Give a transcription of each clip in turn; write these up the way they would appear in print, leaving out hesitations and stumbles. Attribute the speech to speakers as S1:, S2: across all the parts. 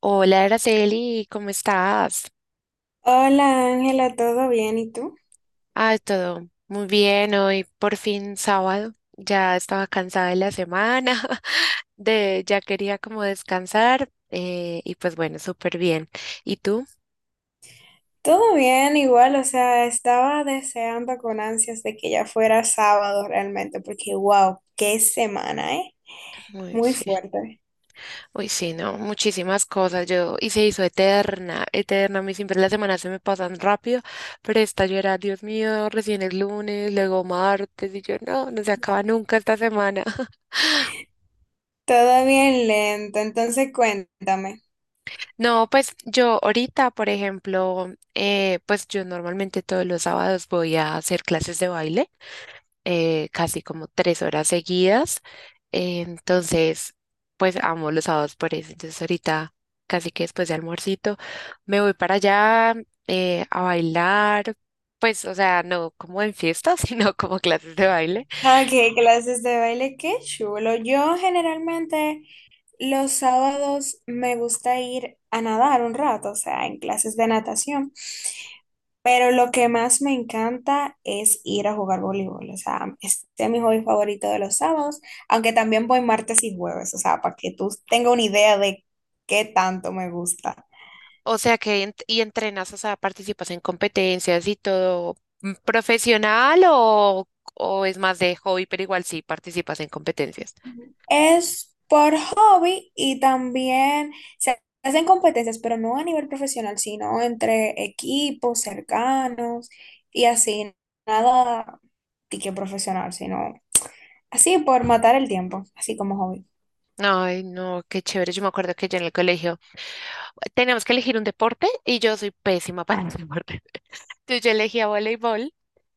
S1: Hola, Araceli, ¿cómo estás?
S2: Hola Ángela, ¿todo bien? ¿Y tú?
S1: Ah, todo muy bien, hoy por fin sábado. Ya estaba cansada de la semana, de ya quería como descansar y pues bueno, súper bien. ¿Y tú?
S2: Todo bien, igual, o sea, estaba deseando con ansias de que ya fuera sábado realmente, porque wow, qué semana, ¿eh?
S1: Uy,
S2: Muy
S1: sí.
S2: fuerte.
S1: Uy, sí, no, muchísimas cosas. Yo y se hizo eterna, eterna. A mí siempre las semanas se me pasan rápido, pero esta yo era, Dios mío, recién es lunes, luego martes y yo no, no se acaba nunca esta semana.
S2: Todo bien lento, entonces cuéntame.
S1: No, pues yo ahorita, por ejemplo, pues yo normalmente todos los sábados voy a hacer clases de baile, casi como 3 horas seguidas. Entonces pues amo los sábados por eso. Entonces ahorita, casi que después de almuercito, me voy para allá a bailar. Pues, o sea, no como en fiestas, sino como clases de baile.
S2: Ok, clases de baile, qué chulo. Yo generalmente los sábados me gusta ir a nadar un rato, o sea, en clases de natación. Pero lo que más me encanta es ir a jugar voleibol. O sea, este es mi hobby favorito de los sábados, aunque también voy martes y jueves, o sea, para que tú tengas una idea de qué tanto me gusta.
S1: O sea que y entrenas, o sea, participas en competencias y todo mm, profesional o es más de hobby, pero igual sí participas en competencias.
S2: Es por hobby y también se hacen competencias, pero no a nivel profesional, sino entre equipos cercanos y así, nada de que profesional, sino así por matar el tiempo, así como hobby.
S1: Ay, no, qué chévere. Yo me acuerdo que yo en el colegio teníamos que elegir un deporte y yo soy pésima para el deporte. Entonces yo elegía voleibol.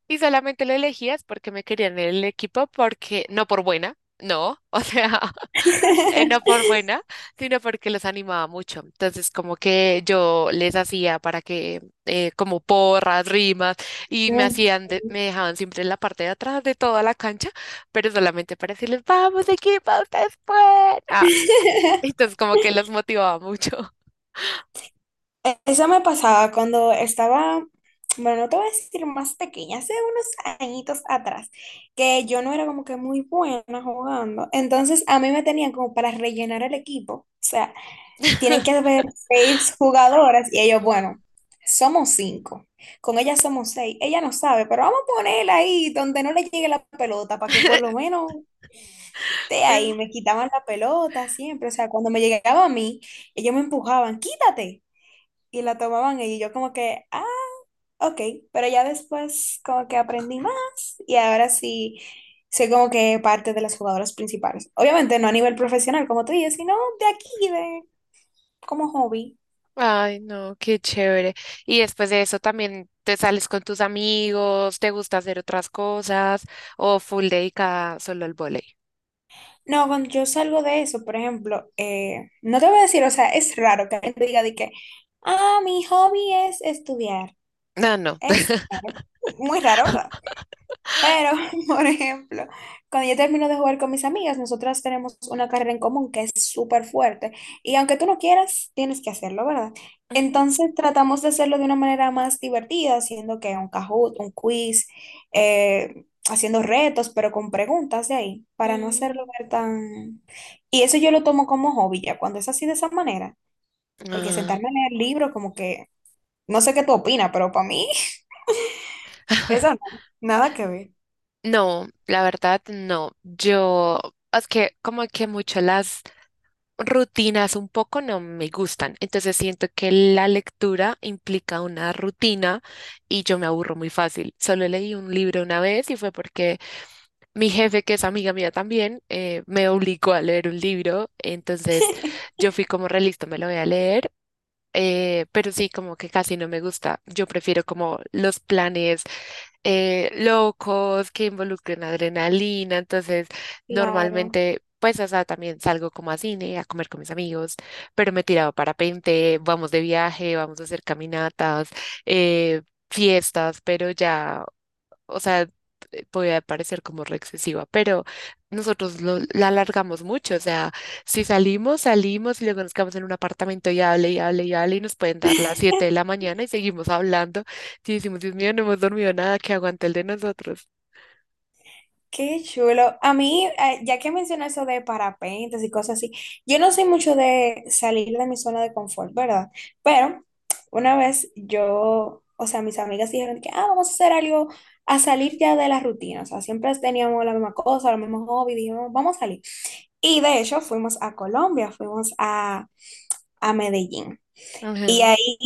S1: Y solamente lo elegías porque me querían en el equipo, porque no por buena, no, o sea, no por buena, sino porque los animaba mucho. Entonces, como que yo les hacía para que, como porras, rimas, y me
S2: Mm.
S1: hacían, me dejaban siempre en la parte de atrás de toda la cancha, pero solamente para decirles, vamos equipo, ustedes pueden. Ah, entonces, como que los motivaba mucho.
S2: Eso me pasaba cuando estaba, bueno, no te voy a decir más pequeña, hace unos añitos atrás, que yo no era como que muy buena jugando. Entonces a mí me tenían como para rellenar el equipo. O sea, tienen que haber seis jugadoras y ellos, bueno, somos cinco. Con ella somos seis. Ella no sabe, pero vamos a ponerla ahí donde no le llegue la pelota para que por lo menos esté ahí. Me quitaban la pelota siempre. O sea, cuando me llegaba a mí, ellos me empujaban, quítate y la tomaban ellos. Y yo como que, ah, ok, pero ya después como que aprendí más y ahora sí soy como que parte de las jugadoras principales. Obviamente no a nivel profesional, como tú dices, sino de aquí, de como hobby.
S1: Ay, no, qué chévere. Y después de eso también te sales con tus amigos, te gusta hacer otras cosas o full dedicada solo al vóley.
S2: No, cuando yo salgo de eso, por ejemplo, no te voy a decir, o sea, es raro que alguien te diga de que, ah, mi hobby es estudiar.
S1: No, no.
S2: Es raro. Muy raro, ¿verdad? Pero, por ejemplo, cuando yo termino de jugar con mis amigas, nosotras tenemos una carrera en común que es súper fuerte. Y aunque tú no quieras, tienes que hacerlo, ¿verdad?
S1: Ujú,
S2: Entonces tratamos de hacerlo de una manera más divertida, haciendo que un Kahoot, un quiz, haciendo retos, pero con preguntas de ahí, para no hacerlo
S1: mm,
S2: ver tan... Y eso yo lo tomo como hobby ya, cuando es así de esa manera, porque
S1: ah,
S2: sentarme a leer libros como que, no sé qué tú opinas, pero para mí, eso no, nada que ver.
S1: no, la verdad no. Yo, es que como que mucho las rutinas un poco no me gustan. Entonces siento que la lectura implica una rutina y yo me aburro muy fácil. Solo leí un libro una vez y fue porque mi jefe, que es amiga mía también, me obligó a leer un libro, entonces yo fui como realista, me lo voy a leer, pero sí, como que casi no me gusta. Yo prefiero como los planes locos que involucren adrenalina, entonces
S2: Claro.
S1: normalmente, pues, o sea, también salgo como a cine, a comer con mis amigos, pero me he tirado parapente, vamos de viaje, vamos a hacer caminatas, eh, fiestas, pero ya o sea, podía parecer como re excesiva, pero nosotros la alargamos mucho, o sea, si salimos, salimos y luego nos quedamos en un apartamento y hable y hable y hable y nos pueden dar las 7 de la mañana y seguimos hablando y decimos, Dios mío, no hemos dormido nada, que aguante el de nosotros.
S2: Qué chulo. A mí, ya que mencionas eso de parapentes y cosas así, yo no soy mucho de salir de mi zona de confort, ¿verdad? Pero una vez yo, o sea, mis amigas dijeron que, ah, vamos a hacer algo, a salir ya de la rutina. O sea, siempre teníamos la misma cosa, los mismos hobbies, dijimos, vamos a salir. Y de hecho, fuimos a Colombia, a Medellín.
S1: Ajá.
S2: Y ahí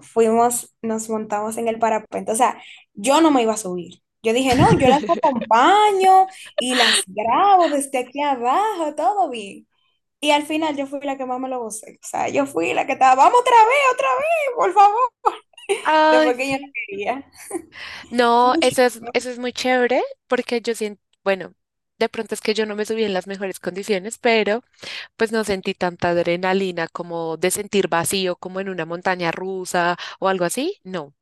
S2: fuimos, nos montamos en el parapente. O sea, yo no me iba a subir. Yo dije, no, yo las acompaño y las grabo desde aquí abajo, todo bien. Y al final yo fui la que más me lo gocé. O sea, yo fui la que estaba, vamos otra vez, por favor.
S1: Ay,
S2: Después que yo no
S1: sí.
S2: quería.
S1: No, eso es muy chévere porque yo siento, bueno, de pronto es que yo no me subí en las mejores condiciones, pero pues no sentí tanta adrenalina como de sentir vacío, como en una montaña rusa o algo así. No.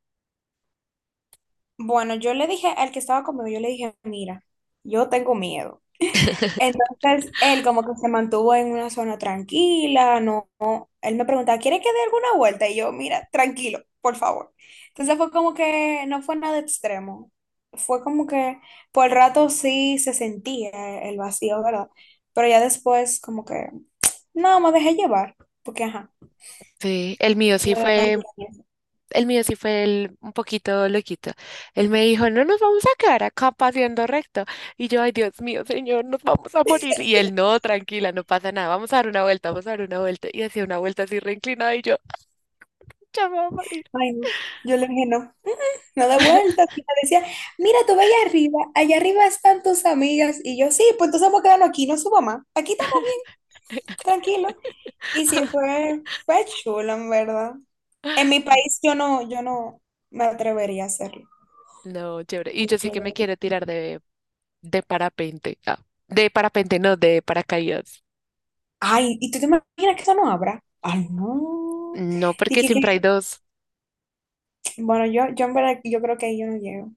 S2: Bueno, yo le dije al que estaba conmigo, yo le dije, mira, yo tengo miedo. Entonces, él como que se mantuvo en una zona tranquila, no, no. Él me preguntaba, ¿quiere que dé alguna vuelta? Y yo, mira, tranquilo, por favor. Entonces fue como que no fue nada extremo. Fue como que por el rato sí se sentía el vacío, ¿verdad? Pero ya después como que, no, me dejé llevar, porque ajá.
S1: Sí, el mío
S2: La
S1: sí
S2: verdad,
S1: fue, el mío sí fue un poquito loquito. Él me dijo, no nos vamos a quedar acá paseando recto. Y yo, ay Dios mío, señor, nos vamos a morir. Y él, no, tranquila, no pasa nada, vamos a dar una vuelta, vamos a dar una vuelta. Y hacía una vuelta así reinclinada y yo, ya me voy a morir.
S2: ay, no. Yo le dije, no, no de vuelta. Y me decía, mira, tú ve allá arriba están tus amigas. Y yo, sí, pues entonces vamos a quedarnos aquí, no suba más. Aquí estamos tranquilo. Y sí fue, fue chulo, en verdad. En mi país yo no me atrevería a hacerlo.
S1: No, chévere. Y yo sí
S2: Aunque-
S1: que me quiero tirar de parapente. Ah, de parapente, no, de paracaídas.
S2: Ay, ¿y tú te imaginas que eso no habrá? Ay, no.
S1: No, porque
S2: Dije
S1: siempre hay
S2: que,
S1: dos.
S2: bueno, yo en verdad, yo creo que ahí yo no llego.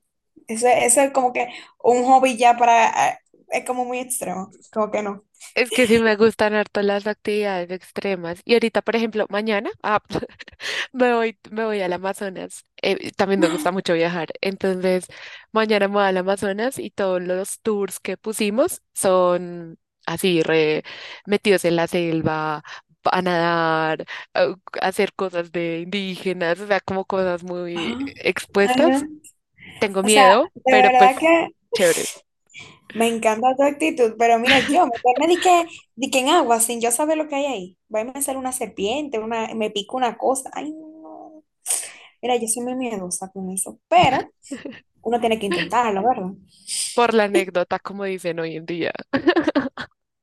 S2: Eso es como que un hobby ya para, es como muy extremo, como que no.
S1: Es que sí me gustan harto las actividades extremas. Y ahorita, por ejemplo, mañana ah, me voy al Amazonas. También me gusta mucho viajar. Entonces, mañana me voy al Amazonas y todos los tours que pusimos son así, re metidos en la selva, a nadar, a a hacer cosas de indígenas, o sea, como cosas muy
S2: Ah, ay,
S1: expuestas.
S2: no.
S1: Tengo
S2: O sea,
S1: miedo,
S2: de
S1: pero
S2: verdad
S1: pues
S2: que
S1: chévere.
S2: me encanta tu actitud, pero mira, yo meterme di que en agua sin yo saber lo que hay ahí. Va a ser una serpiente, una, me pica una cosa. Ay, no. Mira, yo soy muy miedosa con eso, pero uno tiene que intentarlo, ¿verdad?
S1: Por la anécdota, como dicen hoy en día.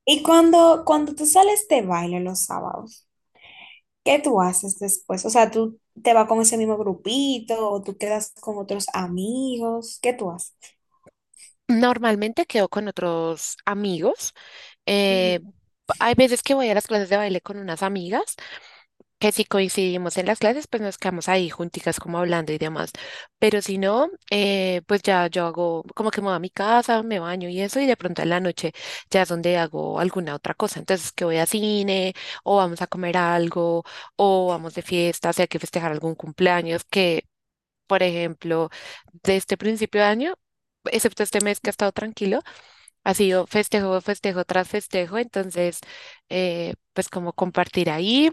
S2: Y cuando tú sales de baile los sábados, ¿qué tú haces después? O sea, tú te vas con ese mismo grupito o tú quedas con otros amigos, ¿qué tú haces?
S1: Normalmente quedo con otros amigos.
S2: Ujú.
S1: eh, Hay veces que voy a las clases de baile con unas amigas, que si coincidimos en las clases, pues nos quedamos ahí junticas como hablando y demás. Pero si no, pues ya yo hago como que me voy a mi casa, me baño y eso, y de pronto en la noche ya es donde hago alguna otra cosa. Entonces que voy a cine, o vamos a comer algo, o vamos de fiesta, si hay que festejar algún cumpleaños, que por ejemplo, de este principio de año, excepto este mes que ha estado tranquilo. Ha sido festejo, festejo tras festejo, entonces, pues como compartir ahí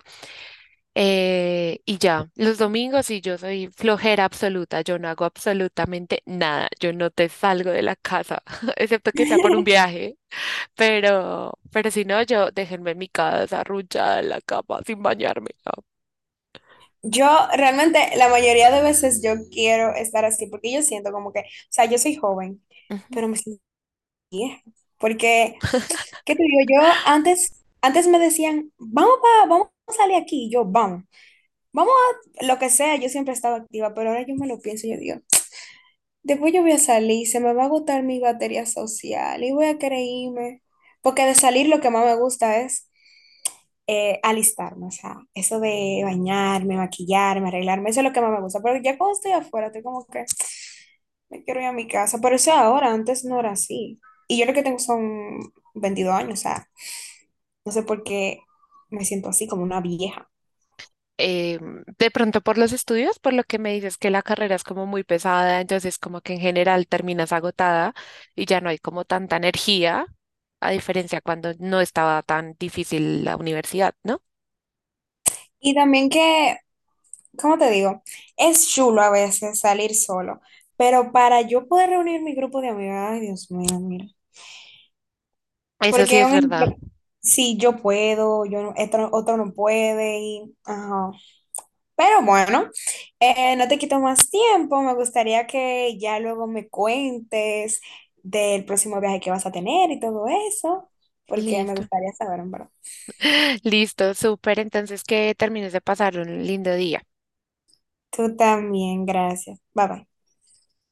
S1: y ya. Los domingos sí, yo soy flojera absoluta, yo no hago absolutamente nada, yo no te salgo de la casa, excepto que sea por un viaje, pero si no, yo déjenme en mi casa arrullada en la cama sin bañarme. ¿No?
S2: Yo realmente la mayoría de veces yo quiero estar así porque yo siento como que, o sea, yo soy joven,
S1: Ujú.
S2: pero me siento vieja. Porque, ¿qué te digo? Yo antes, antes me decían, vamos a salir aquí, y yo, vamos, vamos a lo que sea, yo siempre estaba activa, pero ahora yo me lo pienso, y yo digo, después yo voy a salir, se me va a agotar mi batería social y voy a querer irme. Porque de salir lo que más me gusta es alistarme, o sea, eso de bañarme, maquillarme, arreglarme, eso es lo que más me gusta. Pero ya cuando estoy afuera, estoy como que me quiero ir a mi casa. Pero eso ahora, antes no era así. Y yo lo que tengo son 22 años, o sea, no sé por qué me siento así como una vieja.
S1: eh, de pronto por los estudios, por lo que me dices que la carrera es como muy pesada, entonces como que en general terminas agotada y ya no hay como tanta energía, a diferencia cuando no estaba tan difícil la universidad, ¿no?
S2: Y también que, ¿cómo te digo? Es chulo a veces salir solo, pero para yo poder reunir mi grupo de amigas, ay Dios mío, mira.
S1: Eso sí
S2: Porque
S1: es
S2: un ejemplo,
S1: verdad.
S2: si yo puedo, yo no- otro, otro no puede, y, ajá. Pero bueno, no te quito más tiempo. Me gustaría que ya luego me cuentes del próximo viaje que vas a tener y todo eso, porque me
S1: Listo.
S2: gustaría saber, en verdad.
S1: Listo, súper. Entonces que termines de pasar un lindo día.
S2: Tú también, gracias. Bye bye.